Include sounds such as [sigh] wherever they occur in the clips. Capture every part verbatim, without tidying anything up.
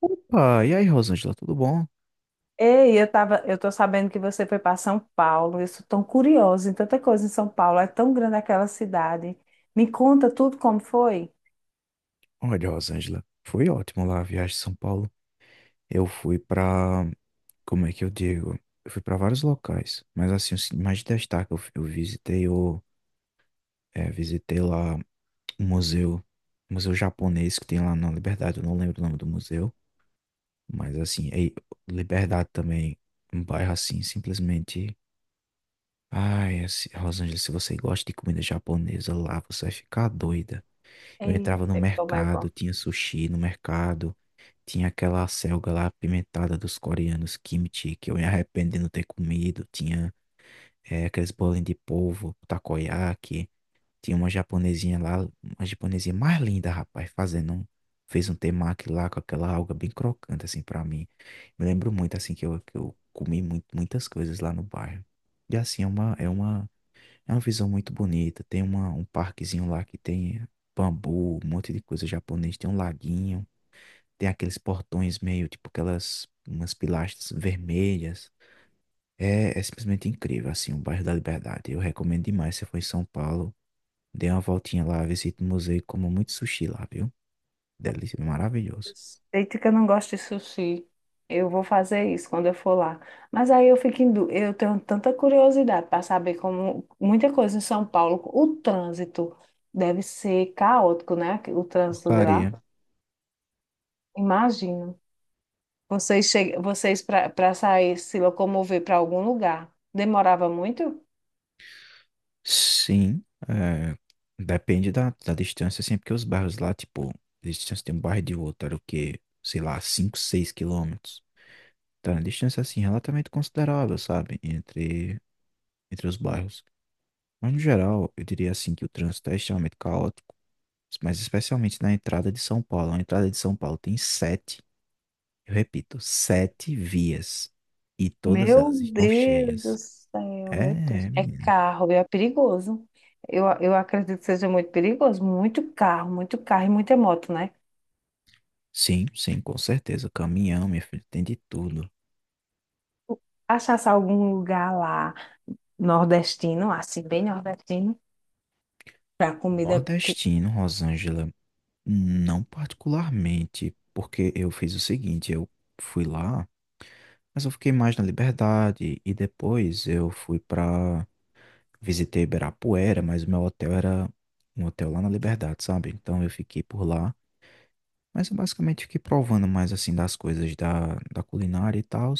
Opa, e aí, Rosângela, tudo bom? Ei, eu tava, eu tô sabendo que você foi para São Paulo. Eu sou tão curiosa em tanta coisa em São Paulo. É tão grande aquela cidade. Me conta tudo como foi. Olha, Rosângela, foi ótimo lá a viagem de São Paulo. Eu fui pra, Como é que eu digo? Eu fui pra vários locais, mas assim, os que mais destaque, eu, eu visitei o, é, visitei lá um museu, um museu japonês que tem lá na Liberdade, eu não lembro o nome do museu, mas assim, aí, Liberdade também, um bairro assim, simplesmente, ai, assim, Rosângela, se você gosta de comida japonesa lá, você vai ficar doida. Eu entrava no Eita, como é bom. mercado, tinha sushi no mercado, tinha aquela selga lá apimentada dos coreanos, kimchi, que eu me arrependo de não ter comido, tinha eh, aqueles bolinhos de polvo, takoyaki, tinha uma japonesinha lá, uma japonesinha mais linda, rapaz, fazendo um, fez um temaki lá com aquela alga bem crocante, assim, pra mim. Me lembro muito, assim, que eu, que eu comi muito, muitas coisas lá no bairro. E assim, é uma, é uma é uma visão muito bonita. Tem uma, um parquezinho lá que tem bambu, um monte de coisa japonês. Tem um laguinho, tem aqueles portões meio tipo aquelas umas pilastras vermelhas. É, é simplesmente incrível, assim, o bairro da Liberdade. Eu recomendo demais. Se você for em São Paulo, dê uma voltinha lá, visite o museu e coma muito sushi lá, viu? Delícia, é maravilhoso. Eita, que eu não gosto de sushi. Eu vou fazer isso quando eu for lá. Mas aí eu fico em dú- eu tenho tanta curiosidade para saber como muita coisa em São Paulo. O trânsito deve ser caótico, né? O trânsito de lá. Porcaria. Imagino. Vocês, che... Vocês para sair, se locomover para algum lugar, demorava muito? Sim, é, depende da, da distância, assim, porque os bairros lá, tipo, a distância de um bairro e de outro era o quê? Sei lá, cinco, seis quilômetros. Tá uma distância, assim, relativamente considerável, sabe? Entre, entre os bairros. Mas, no geral, eu diria, assim, que o trânsito é extremamente caótico, mas especialmente na entrada de São Paulo. A entrada de São Paulo tem sete, eu repito, sete vias. E todas Meu elas estão Deus cheias. do céu, É, meu Deus. é, É menina. carro, é perigoso. Eu, eu acredito que seja muito perigoso. Muito carro, muito carro e muita moto, né? Sim, sim, com certeza. Caminhão, minha filha, tem de tudo. Achasse algum lugar lá nordestino, assim, bem nordestino, para comida. que- Nordestino, Rosângela. Não particularmente, porque eu fiz o seguinte, eu fui lá, mas eu fiquei mais na Liberdade e depois eu fui para visitei Ibirapuera, mas o meu hotel era um hotel lá na Liberdade, sabe? Então eu fiquei por lá, mas eu basicamente fiquei provando mais assim das coisas da, da culinária e tal.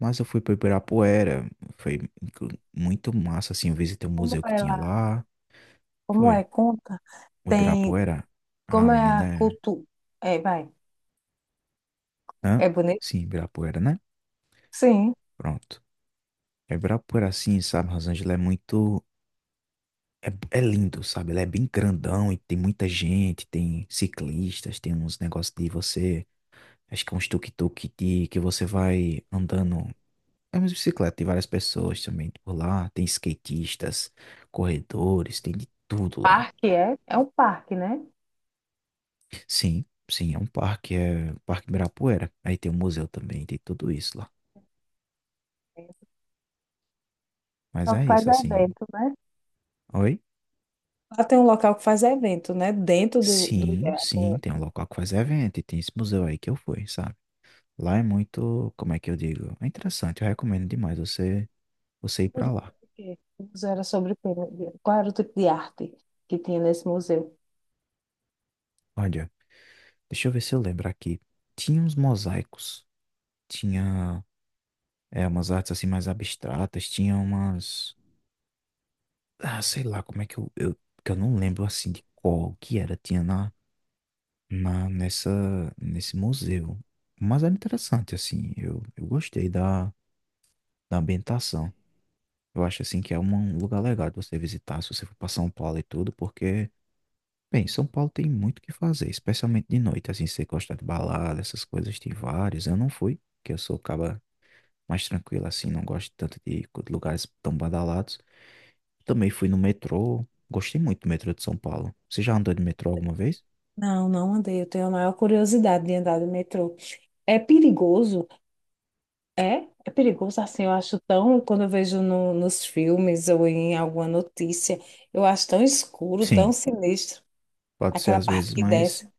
Mas eu fui para Ibirapuera, foi inclu- muito massa assim, eu visitei o Como museu que é tinha lá? lá, Como foi é? Conta. o Tem. Ibirapuera. Ah, Como é a menina, cultura? É, vai. é- hã? É bonito? Sim, Ibirapuera, né? Sim. Pronto. É por assim, sabe? Rosângela é muito. É, é lindo, sabe? Ela é bem grandão e tem muita gente, tem ciclistas, tem uns negócios de você. Acho que é uns tuk-tuk de que você vai andando. É uma bicicleta, tem várias pessoas também por lá. Tem skatistas, corredores, tem de tudo lá. Parque é? É um parque, né? Sim, sim, é um parque, é o Parque Ibirapuera. Aí tem o museu também, tem tudo isso lá. Mas Só é que faz isso, assim. evento, né? Oi? Lá tem um local que faz evento, né? Dentro do, do Sim, I D E A. sim, O tem um local que faz evento e tem esse museu aí que eu fui, sabe? Lá é muito, como é que eu digo? É interessante, eu recomendo demais você, você ir museu pra era lá. sobre o quê? O museu era sobre o quê? Qual era o tipo de arte que tinha nesse museu? Olha, deixa eu ver se eu lembro aqui. Tinha uns mosaicos, tinha é, umas artes assim mais abstratas, tinha umas, ah, sei lá, como é que eu, eu, que eu não lembro assim de qual que era, tinha na, na nessa nesse museu. Mas era interessante assim, eu, eu gostei da da ambientação. Eu acho assim que é uma- um lugar legal de você visitar se você for para São Paulo e tudo, porque, bem, São Paulo tem muito o que fazer, especialmente de noite, assim, se você gosta de balada, essas coisas, tem vários. Eu não fui, porque eu sou caba mais tranquilo assim, não gosto tanto de co- lugares tão badalados. Também fui no metrô, gostei muito do metrô de São Paulo. Você já andou de metrô alguma vez? Não, não andei. Eu tenho a maior curiosidade de andar de metrô. É perigoso? É? É perigoso assim, eu acho tão, quando eu vejo no- nos filmes ou em alguma notícia, eu acho tão escuro, tão Sim, sinistro, pode ser aquela às parte vezes, que mas desce.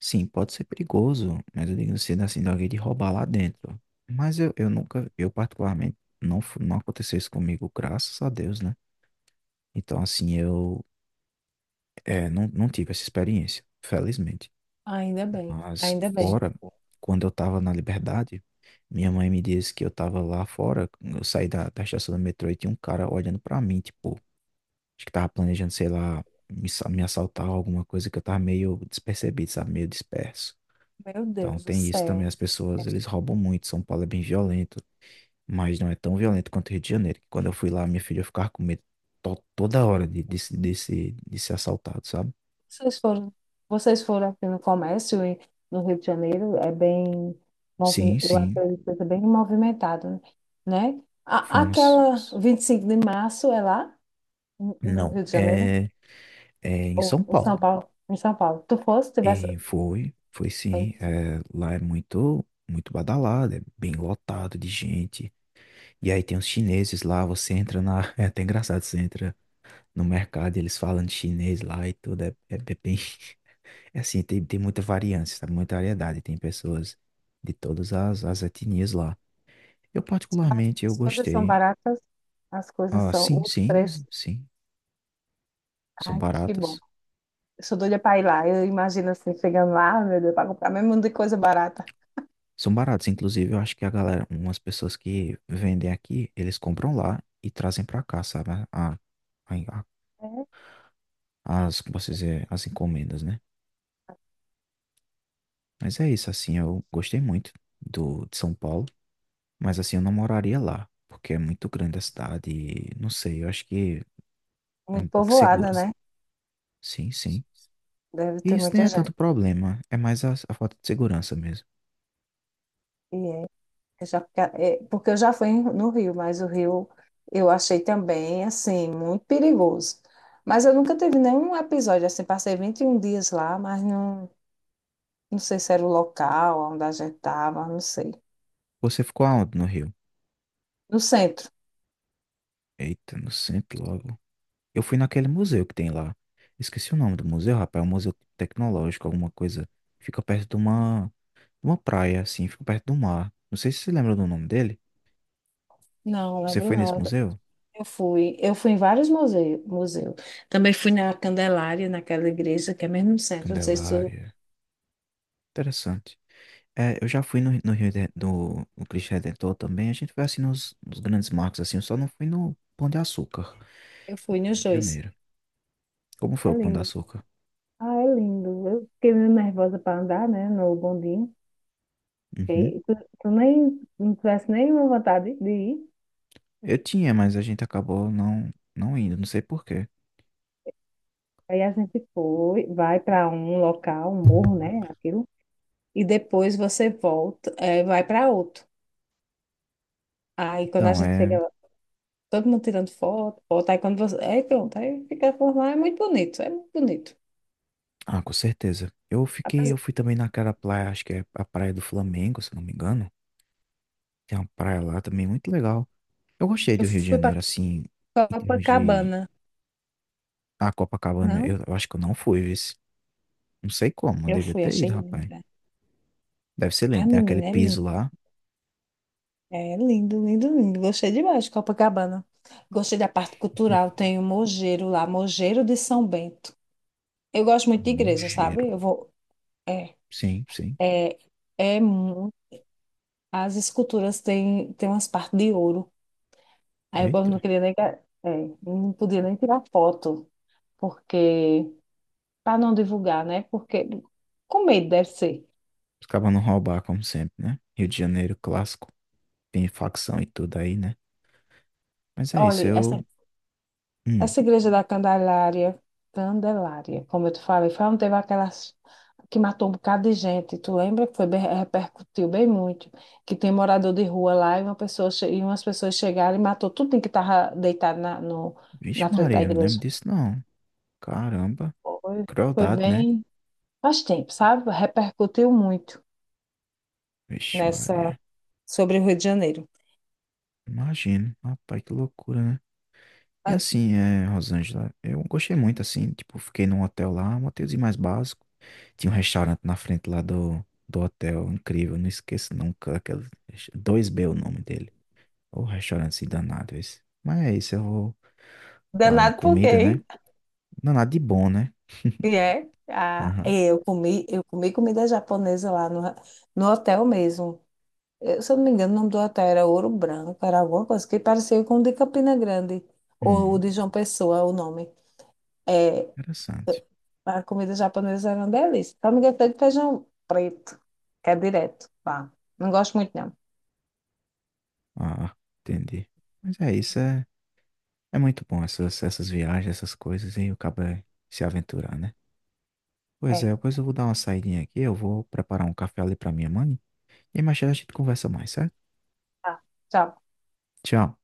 sim, pode ser perigoso, mas eu digo assim, assim, de alguém de roubar lá dentro. Mas eu, eu nunca, eu particularmente, não, fu- não aconteceu isso comigo, graças a Deus, né? Então, assim, eu é, não, não tive essa experiência, felizmente. Ainda bem, Mas ainda bem. fora, quando eu tava na Liberdade, minha mãe me disse que eu tava lá fora, eu saí da, da estação do metrô e tinha um cara olhando pra mim, tipo, acho que tava planejando, sei lá, me, sa- me assaltar ou alguma coisa que eu tava meio despercebido, sabe? Meio disperso. Meu Então Deus do tem isso céu. também, as pessoas, eles roubam muito. São Paulo é bem violento, mas não é tão violento quanto o Rio de Janeiro. Que Quando eu fui lá, minha filha ficava com medo to- toda hora de, de, se- de, se- de ser assaltado, sabe? Vocês foram, vocês foram aqui no comércio e no Rio de Janeiro, é bem, Sim, movi- eu sim, acredito que é bem movimentado, né? A, fomos. aquela vinte e cinco de março é lá, no no Não, Rio de Janeiro, é, é em São ou em Paulo. São Paulo, em São Paulo. Tu fosse, tivesse, E foi, foi aí, sim. É, lá é muito, muito badalado, é bem lotado de gente. E aí tem os chineses lá, você entra na... [laughs] É até engraçado, você entra no mercado e eles falam de chinês lá e tudo, é, é bem... É assim, tem, tem muita variância, sabe? Muita variedade. Tem pessoas de todas as, as etnias lá. Eu, particularmente, eu as coisas são gostei. baratas, as coisas Ah, são, sim, os preços, sim, sim. São ai, que bom. baratos. Eu sou doida para ir lá, eu imagino assim, chegando lá, meu Deus, para comprar mesmo de coisa barata. São baratos. Inclusive, eu acho que a galera, umas pessoas que vendem aqui, eles compram lá e trazem pra cá, sabe? A, a, a- É As, como posso dizer, as encomendas, né? Mas é isso, assim, eu gostei muito do, de São Paulo. Mas, assim, eu não moraria lá, porque é muito grande a cidade. e Não sei, eu acho que é muito um pouco povoada, segura. né? Sim, sim. Deve E ter isso nem muita é gente. tanto problema, é mais a, a falta de segurança mesmo. E é Eu já- é, Porque eu já fui no Rio, mas o Rio eu achei também, assim, muito perigoso. Mas eu nunca tive nenhum episódio, assim, passei vinte e um dias lá, mas não, não sei se era o local onde a gente estava, não sei. Você ficou aonde no Rio? No centro. Eita, no centro logo. Eu fui naquele museu que tem lá. Esqueci o nome do museu, rapaz. É um museu tecnológico, alguma coisa. Fica perto de uma, uma praia, assim, fica perto do mar. Não sei se você lembra do nome dele. Não, Você lembro foi nesse não. museu? Eu fui, eu fui em vários museus, museu. Também fui na Candelária, naquela igreja que é mesmo no centro, não sei se tu- Candelária. Interessante. É, eu já fui no, no Rio de, do, no Cristo Redentor também. A gente foi assim nos, nos grandes marcos, assim. Eu só não fui no Pão de Açúcar, Eu no fui Rio nos de dois. Janeiro. Como foi É o Pão de lindo. Açúcar? Ah, é lindo. Eu fiquei meio nervosa para andar, né, no bondinho. Uhum. Ok? Tu, tu nem não tivesse nenhuma vontade de ir. Eu tinha, mas a gente acabou não, não indo, não sei por quê. Aí a gente foi, vai para um local, um morro, né? Aquilo. E depois você volta, é, vai para outro. Aí quando a Então, gente chega é. lá, todo mundo tirando foto, foto. Aí quando você. Aí pronto, aí fica por lá, é muito bonito, é muito bonito. Ah, com certeza. Eu fiquei, eu Apesar- fui também naquela praia, acho que é a Praia do Flamengo, se não me engano. Tem uma praia lá também muito legal. Eu gostei Eu do Rio de fui para Janeiro, assim, em termos de. Copacabana, A Copacabana, não? eu, eu acho que eu não fui, esse. Não sei como, eu Eu devia fui, ter achei ido, rapaz. linda. Deve ser Ai, lindo, tem aquele menina, é piso lindo. lá. É lindo, lindo, lindo. Gostei demais de Copacabana. Gostei da parte cultural, [laughs] tem o Mogeiro lá, Mogeiro de São Bento. Eu gosto muito de igreja, Nojeiro. sabe? Eu vou. É, Sim, sim. é, é muito. As esculturas têm, têm umas partes de ouro. Aí eu gosto- Eita. não queria nem. ga- É, não podia nem tirar foto, porque. Para não divulgar, né? Porque. Com medo, deve ser. Os cabas não roubar, como sempre, né? Rio de Janeiro clássico. Tem facção e tudo aí, né? Mas é isso, Olha, essa eu hum. Essa igreja da Candelária, Candelária, como eu te falei, foi onde teve aquelas que matou um bocado de gente. Tu lembra que foi bem- repercutiu bem muito, que tem morador de rua lá e uma pessoa che- e umas pessoas chegaram e matou tudo que estava deitado na, no- Vixe, na frente da Maria, eu não lembro igreja. disso não. Caramba, Foi, foi crueldade, né? bem, faz tempo, sabe? Repercutiu muito Vixe, nessa Maria. sobre o Rio de Janeiro. Imagino. Rapaz, que loucura, né? E Ah, assim, é, Rosângela, eu gostei muito, assim, tipo, fiquei num hotel lá, um hotelzinho mais básico. Tinha um restaurante na frente lá do, do hotel, incrível, não esqueço nunca, aquele, dois b é o nome dele. O restaurante assim, danado esse. Mas é isso, eu vou falando em danado por quê, comida, né? hein? Não, nada de bom, né? E é, ah, Aham. eu comi, eu comi comida japonesa lá no, no hotel mesmo. Eu, se eu não me engano, o nome do hotel era Ouro Branco, era alguma coisa que parecia com o de Campina Grande, ou o Hum, de João Pessoa, o nome. É, interessante. a comida japonesa era uma delícia. Só não gostei de feijão preto, que é direto. Pá. Não gosto muito, não. Ah, entendi. Mas é isso, é. É muito bom essas, essas viagens, essas coisas, e acaba se aventurar, né? Pois É. é, pois eu vou dar uma saidinha aqui, eu vou preparar um café ali pra minha mãe, e mais tarde a gente conversa mais, certo? Tá. Tchau. Tchau.